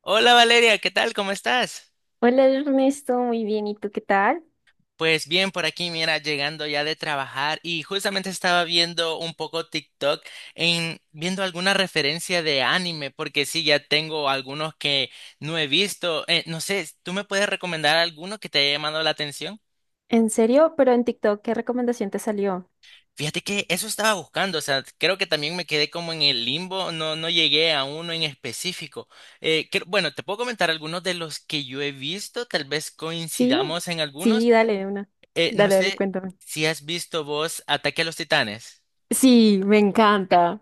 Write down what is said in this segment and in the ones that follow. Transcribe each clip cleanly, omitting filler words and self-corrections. Hola Valeria, ¿qué tal? ¿Cómo estás? Hola Ernesto, muy bien, ¿y tú qué tal? Pues bien, por aquí, mira, llegando ya de trabajar y justamente estaba viendo un poco TikTok en viendo alguna referencia de anime, porque sí, ya tengo algunos que no he visto. No sé, ¿tú me puedes recomendar alguno que te haya llamado la atención? ¿En serio? Pero en TikTok, ¿qué recomendación te salió? Fíjate que eso estaba buscando, o sea, creo que también me quedé como en el limbo, no, no llegué a uno en específico. Bueno, te puedo comentar algunos de los que yo he visto, tal vez Sí, coincidamos en algunos. sí, dale una. No Dale, dale, sé cuéntame. si has visto vos Ataque a los Titanes. Sí, me encanta.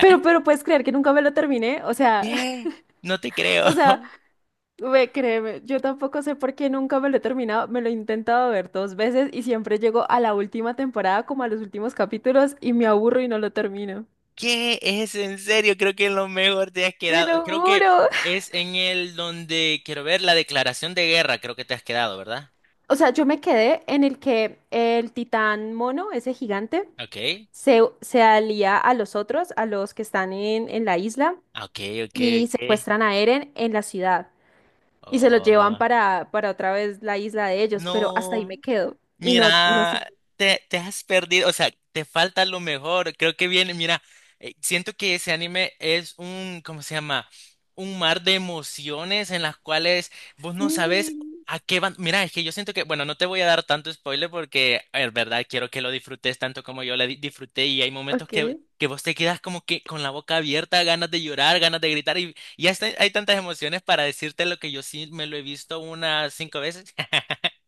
Pero, pero puedes creer que nunca me lo terminé, o sea, ¿Qué? No te creo. o sea, ve, créeme, yo tampoco sé por qué nunca me lo he terminado, me lo he intentado ver dos veces y siempre llego a la última temporada, como a los últimos capítulos, y me aburro y no lo termino. ¿Qué es en serio? Creo que en lo mejor te has Te lo quedado. Creo que juro. es en el donde quiero ver la declaración de guerra. Creo que te has quedado, ¿verdad? O sea, yo me quedé en el que el titán mono, ese gigante, Ok. se alía a los otros, a los que están en la isla, Ok, ok, y ok. secuestran a Eren en la ciudad. Y se los llevan Oh. Para otra vez la isla de ellos, pero hasta ahí No. me quedo. Y no, no sé. Mira, te has perdido, o sea, te falta lo mejor. Creo que viene, mira, siento que ese anime es un, ¿cómo se llama? Un mar de emociones en las cuales vos no sabes Sí. a qué van. Mira, es que yo siento que, bueno, no te voy a dar tanto spoiler porque, en verdad, quiero que lo disfrutes tanto como yo lo disfruté y hay momentos Ok. que vos te quedas como que con la boca abierta, ganas de llorar, ganas de gritar y hasta hay tantas emociones para decirte lo que yo sí me lo he visto unas cinco veces.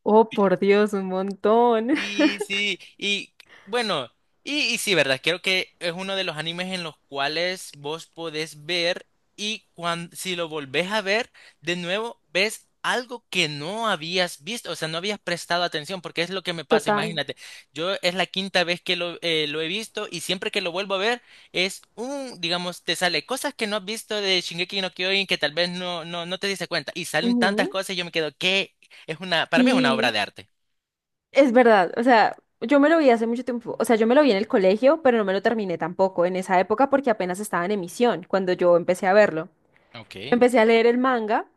Oh, por Dios, un montón. Y sí, y bueno, y sí, ¿verdad? Creo que es uno de los animes en los cuales vos podés ver y si lo volvés a ver, de nuevo ves algo que no habías visto, o sea, no habías prestado atención, porque es lo que me pasa, Total. imagínate. Yo es la quinta vez que lo he visto y siempre que lo vuelvo a ver es un, digamos, te sale cosas que no has visto de Shingeki no Kyojin que tal vez no, no, no te diste cuenta y salen tantas Ujú. cosas y yo me quedo, que es una, para mí es una obra Sí. de arte. Es verdad, o sea, yo me lo vi hace mucho tiempo, o sea, yo me lo vi en el colegio, pero no me lo terminé tampoco en esa época porque apenas estaba en emisión cuando yo empecé a verlo. Ok. Empecé a leer el manga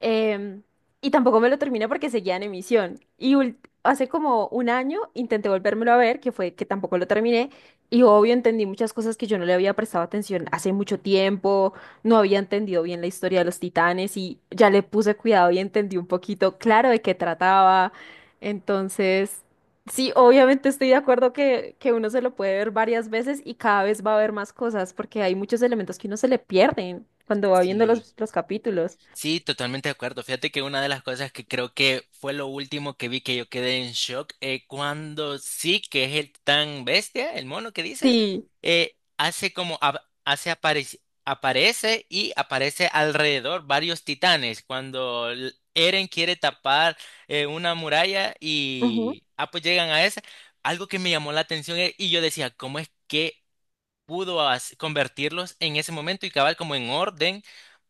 em, y tampoco me lo terminé porque seguía en emisión. Hace como un año intenté volvérmelo a ver, que fue que tampoco lo terminé, y obvio entendí muchas cosas que yo no le había prestado atención hace mucho tiempo, no había entendido bien la historia de los titanes y ya le puse cuidado y entendí un poquito claro de qué trataba. Entonces... Sí, obviamente estoy de acuerdo que uno se lo puede ver varias veces y cada vez va a ver más cosas, porque hay muchos elementos que uno se le pierden cuando va viendo Sí, los capítulos. sí, totalmente de acuerdo. Fíjate que una de las cosas que creo que fue lo último que vi que yo quedé en shock, cuando sí, que es el tan bestia, el mono que dices, Sí. Hace como, hace aparece, aparece y aparece alrededor varios titanes. Cuando Eren quiere tapar una muralla Ujú. y, ah, pues llegan a esa, algo que me llamó la atención, y yo decía, ¿cómo es que pudo convertirlos en ese momento y cabal como en orden?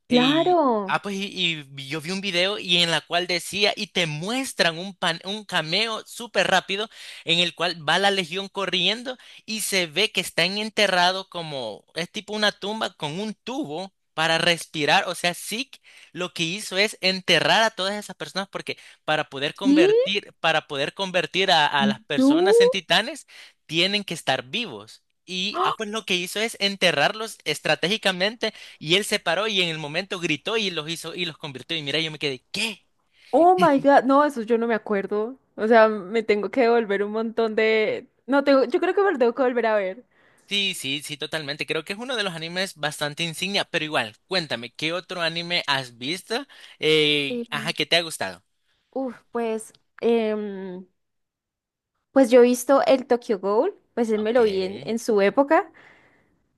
Y, Claro. ah, pues, y, y yo vi un video y en la cual decía, y te muestran un cameo súper rápido en el cual va la legión corriendo y se ve que están enterrados como, es tipo una tumba con un tubo para respirar. O sea, Zeke lo que hizo es enterrar a todas esas personas porque para poder ¿Y convertir, para poder convertir a las tú? personas en titanes, tienen que estar vivos. Y ¡Ah! ah, pues lo que hizo es enterrarlos estratégicamente y él se paró y en el momento gritó y los hizo y los convirtió. Y mira, yo me quedé, ¿qué? Oh my God. No, eso yo no me acuerdo. O sea, me tengo que devolver un montón de. No, tengo, yo creo que me lo tengo que volver a ver. Sí, sí, sí, totalmente. Creo que es uno de los animes bastante insignia, pero igual, cuéntame, ¿qué otro anime has visto? Eh, Ajá, ¿que te ha gustado? uf, pues, em, pues yo he visto el Tokyo Ghoul, pues él me Ok. lo vi en su época.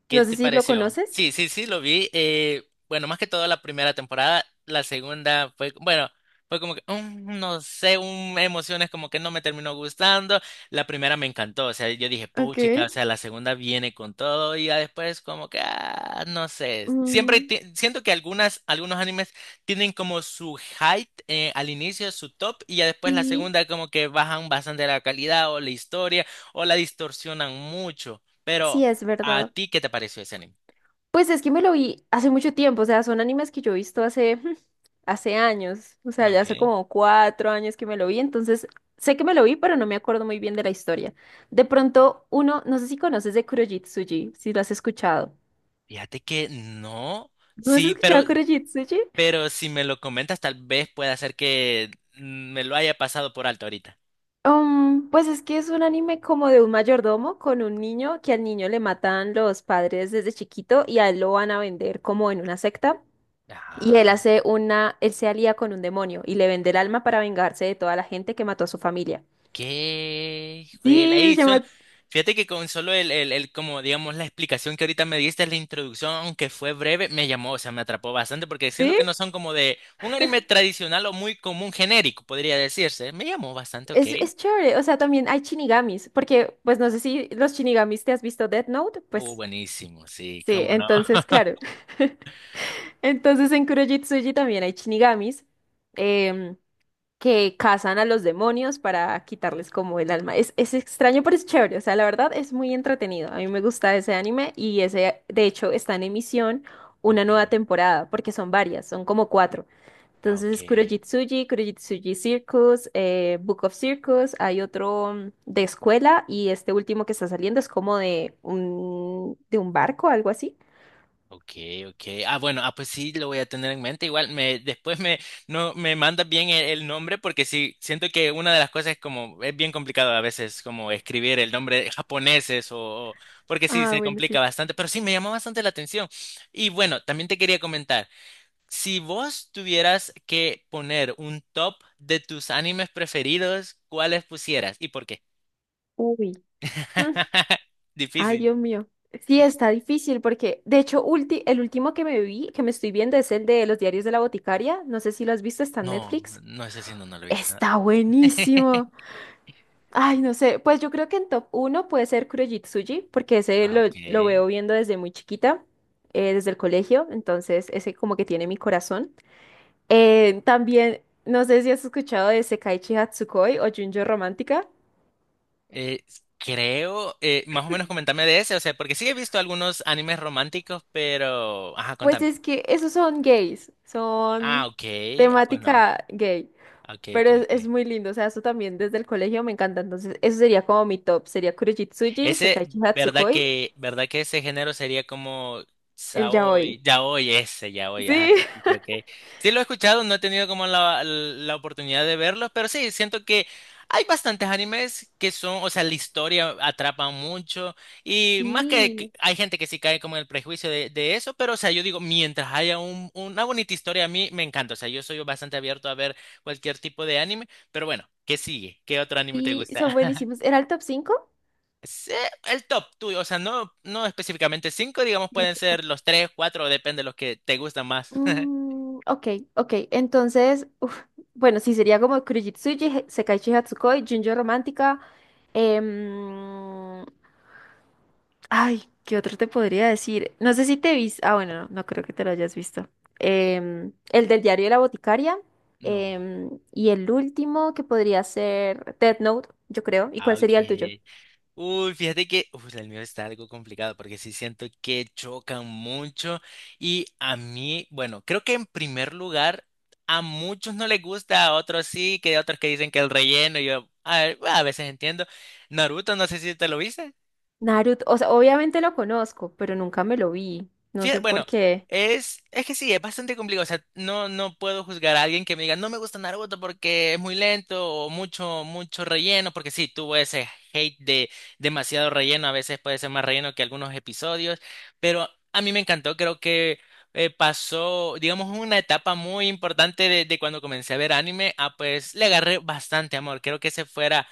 ¿Qué No sé te si lo pareció? conoces. Sí, sí, sí, lo vi. Bueno, más que todo la primera temporada, la segunda fue, bueno, fue como que, no sé, un, emociones como que no me terminó gustando. La primera me encantó, o sea, yo dije, puchica, o Ok. sea, la segunda viene con todo y ya después como que, ah, no sé. Siempre Mm, siento que algunos animes tienen como su height, al inicio, su top, y ya después la sí, segunda como que bajan bastante la calidad o la historia o la distorsionan mucho. sí Pero es ¿a verdad. ti qué te pareció ese anime? Pues es que me lo vi hace mucho tiempo, o sea, son animes que yo he visto hace, hace años, o sea, ya hace Okay. como cuatro años que me lo vi, entonces sé que me lo vi, pero no me acuerdo muy bien de la historia. De pronto, uno, no sé si conoces de Kurojitsuji, si lo has escuchado. Fíjate que no. ¿No has Sí, escuchado Kurojitsuji? pero si me lo comentas, tal vez pueda ser que me lo haya pasado por alto ahorita. Pues es que es un anime como de un mayordomo con un niño que al niño le matan los padres desde chiquito y a él lo van a vender como en una secta. Y él Ajá. hace una, él se alía con un demonio y le vende el alma para vengarse de toda la gente que mató a su familia. Qué juela. Sí, Ahí se suena. llama... Fíjate que con solo el, como digamos, la explicación que ahorita me diste, la introducción, aunque fue breve, me llamó, o sea, me atrapó bastante, porque siento ¿Sí? que no son como de un anime tradicional o muy común genérico, podría decirse. Me llamó bastante, ok. Es chévere, o sea, también hay shinigamis, porque pues no sé si los shinigamis te has visto Death Note, pues Buenísimo, sí, sí, cómo no. entonces claro. Entonces en Kuroji también hay shinigamis. Que cazan a los demonios para quitarles como el alma. Es extraño, pero es chévere. O sea, la verdad es muy entretenido. A mí me gusta ese anime y ese, de hecho, está en emisión una Ok, nueva temporada, porque son varias, son como cuatro. ah, Entonces ok. es Kurojitsuji, Kurojitsuji Circus, Book of Circus, hay otro de escuela y este último que está saliendo es como de un barco, algo así. Ok, ok. Ah, bueno, ah, pues sí, lo voy a tener en mente. Igual me, después me, no, me mandas bien el nombre porque sí, siento que una de las cosas es como, es bien complicado a veces como escribir el nombre de japoneses o- porque sí, Ah, se bueno, complica sí. bastante, pero sí, me llamó bastante la atención. Y bueno, también te quería comentar, si vos tuvieras que poner un top de tus animes preferidos, ¿cuáles pusieras y por qué? Uy. Ay, Difícil. Dios mío. Sí, está difícil porque, de hecho, el último que me vi, que me estoy viendo, es el de Los Diarios de la Boticaria. No sé si lo has visto, está en No, Netflix. no, ese sí no, no lo he visto. Está buenísimo. Ay, no sé. Pues yo creo que en top uno puede ser Kurojitsuji, porque ese Ah, ok. lo veo viendo desde muy chiquita, desde el colegio. Entonces, ese como que tiene mi corazón. También, no sé si has escuchado de Sekaiichi Hatsukoi o Junjo Romántica. Eh, Creo, más o menos comentame de ese, o sea, porque sí he visto algunos animes románticos, pero... Ajá, Pues contame. es que esos son gays, Ah, son ok. Ah, pues no. temática gay. Ok, ok, Pero es ok. muy lindo, o sea, eso también desde el colegio me encanta. Entonces, eso sería como mi top. Sería Kurojitsuji, Ese, Sekaiichi ¿verdad Hatsukoi, que, verdad que ese género sería como el Yaoi. Saoy, Yaoi, ese, Yaoi, ajá? Sí. Sí, sí, ok. Sí lo he escuchado, no he tenido como la oportunidad de verlos, pero sí, siento que hay bastantes animes que son, o sea, la historia atrapa mucho y más que Sí, hay gente que sí cae como en el prejuicio de eso, pero o sea, yo digo, mientras haya una bonita historia, a mí me encanta, o sea, yo soy bastante abierto a ver cualquier tipo de anime, pero bueno, ¿qué sigue? ¿Qué otro anime te sí, son gusta? buenísimos. ¿Era el top 5? Sí, el top tuyo, o sea, no, no específicamente cinco, digamos, pueden Cinco, ok. ser los tres, cuatro, depende de los que te gustan más. Ok, ok. Entonces, uf, bueno, sí, sería como Kurojitsuji, Sekaiichi Hatsukoi, Junjo Romántica. Ay, ¿qué otro te podría decir? No sé si te viste. Ah, bueno, no, no creo que te lo hayas visto. El del diario de la boticaria. No. Y el último que podría ser Death Note, yo creo. ¿Y Ah, cuál ok. sería el tuyo? Uy, fíjate que el mío está algo complicado porque sí siento que chocan mucho y a mí, bueno, creo que en primer lugar a muchos no les gusta, a otros sí, que hay otros que dicen que el relleno, y yo a veces entiendo. Naruto, no sé si te lo viste. Naruto. O sea, obviamente lo conozco, pero nunca me lo vi. No Fíjate, sé por bueno, qué. es que sí, es bastante complicado. O sea, no, no puedo juzgar a alguien que me diga, no me gusta Naruto porque es muy lento o mucho, mucho relleno, porque sí, tuvo ese hate de demasiado relleno, a veces puede ser más relleno que algunos episodios, pero a mí me encantó, creo que pasó, digamos, una etapa muy importante de cuando comencé a ver anime, a pues le agarré bastante amor, creo que ese fuera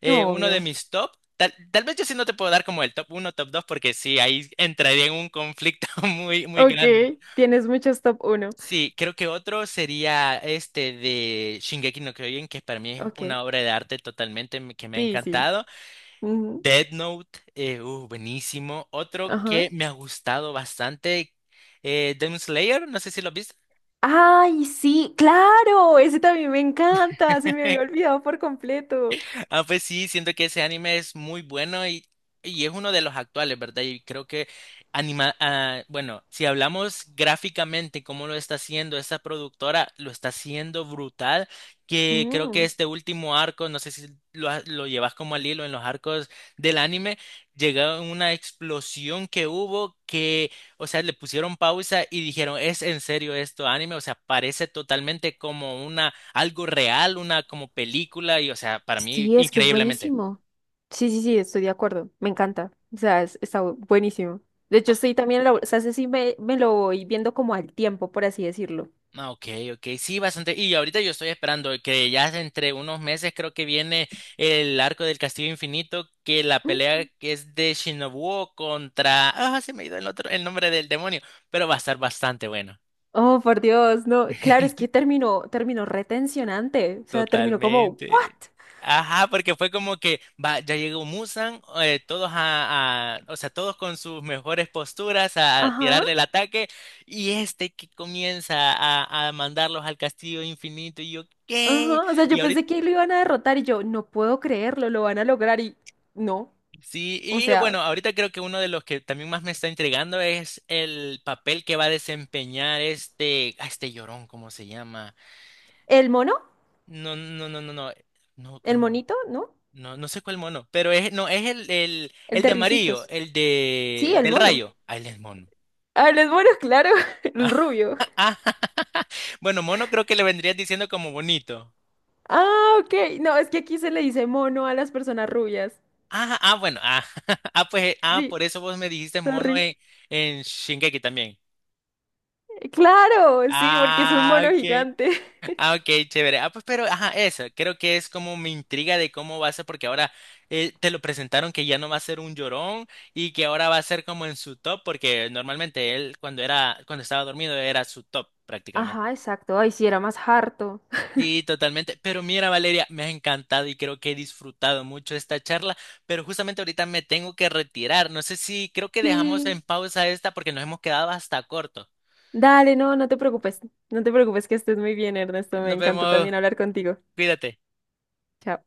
eh, No, uno de obvio. mis top. Tal vez yo sí no te puedo dar como el top uno top 2 porque sí, ahí entraría en un conflicto muy, muy Ok, grande. tienes muchos top uno. Sí, creo que otro sería este de Shingeki no Kyojin, que para mí es Ok, una obra de arte totalmente que me ha sí, sí. encantado. Ujú. Death Note, buenísimo. Otro Ajá. que me ha gustado bastante, Demon Slayer, no sé si lo has visto. Ay, sí, claro, ese también me encanta. Se me había olvidado por completo. Ah, pues sí, siento que ese anime es muy bueno y es uno de los actuales, ¿verdad? Y creo que ah, bueno, si hablamos gráficamente cómo lo está haciendo esa productora, lo está haciendo brutal, que creo que Mm. este último arco, no sé si lo llevas como al hilo en los arcos del anime, llegó una explosión que hubo que, o sea, le pusieron pausa y dijeron, ¿es en serio esto anime? O sea, parece totalmente como una algo real, una como película, y o sea, para mí, Sí, es que es increíblemente. buenísimo. Sí, sí, sí, estoy de acuerdo. Me encanta. O sea, está buenísimo. De hecho, estoy también, lo, o sea, ese sí me lo voy viendo como al tiempo, por así decirlo. Ah, ok, ok, sí, bastante. Y ahorita yo estoy esperando que ya entre unos meses creo que viene el Arco del Castillo Infinito, que la Mm. pelea que es de Shinobu contra... Ah, se me ha ido el otro, el nombre del demonio, pero va a estar bastante bueno. Oh, por Dios, no. Claro, es que terminó, terminó retencionante. O sea, terminó como, ¿what? Totalmente. Ajá, porque fue como que va, ya llegó Musan, todos a- o sea, todos con sus mejores posturas a Ajá, tirarle el ataque, y este que comienza a mandarlos al castillo infinito, y yo, ¿qué? ajá. O sea, Y yo ahorita, pensé que lo iban a derrotar y yo, no puedo creerlo, lo van a lograr y no. sí, O y bueno, sea, ahorita creo que uno de los que también más me está intrigando es el papel que va a desempeñar este, a este llorón, ¿cómo se llama? el mono, No, no, no, no, no, no, el ¿cuál? monito, ¿no? No, no sé cuál mono, pero es, no, es el, el, El el de de amarillo, risitos. el de, Sí, el el del mono. rayo. Ah, él es mono. Ah, el mono, claro, el Ah, rubio. ah, Bueno, mono creo que le vendrías diciendo como bonito. Ah, ok. No, es que aquí se le dice mono a las personas rubias. Ah, ah, bueno, ah, ah, pues, ah, Sí, por eso vos me dijiste mono sorry. En Shingeki también. Claro, sí, porque es un Ah, mono ok. gigante. Ah, ok, chévere. Ah, pues, pero, ajá, eso, creo que es como mi intriga de cómo va a ser, porque ahora te lo presentaron que ya no va a ser un llorón y que ahora va a ser como en su top, porque normalmente él cuando era, cuando estaba dormido era su top prácticamente. Ajá, exacto. Ay, sí, era más harto. Sí, totalmente. Pero mira, Valeria, me ha encantado y creo que he disfrutado mucho esta charla, pero justamente ahorita me tengo que retirar. No sé si creo que dejamos en Sí. pausa esta porque nos hemos quedado hasta corto. Dale, no, no te preocupes. No te preocupes que estés muy bien, Ernesto. Me Nos encantó vemos, también hablar contigo. cuídate. Chao.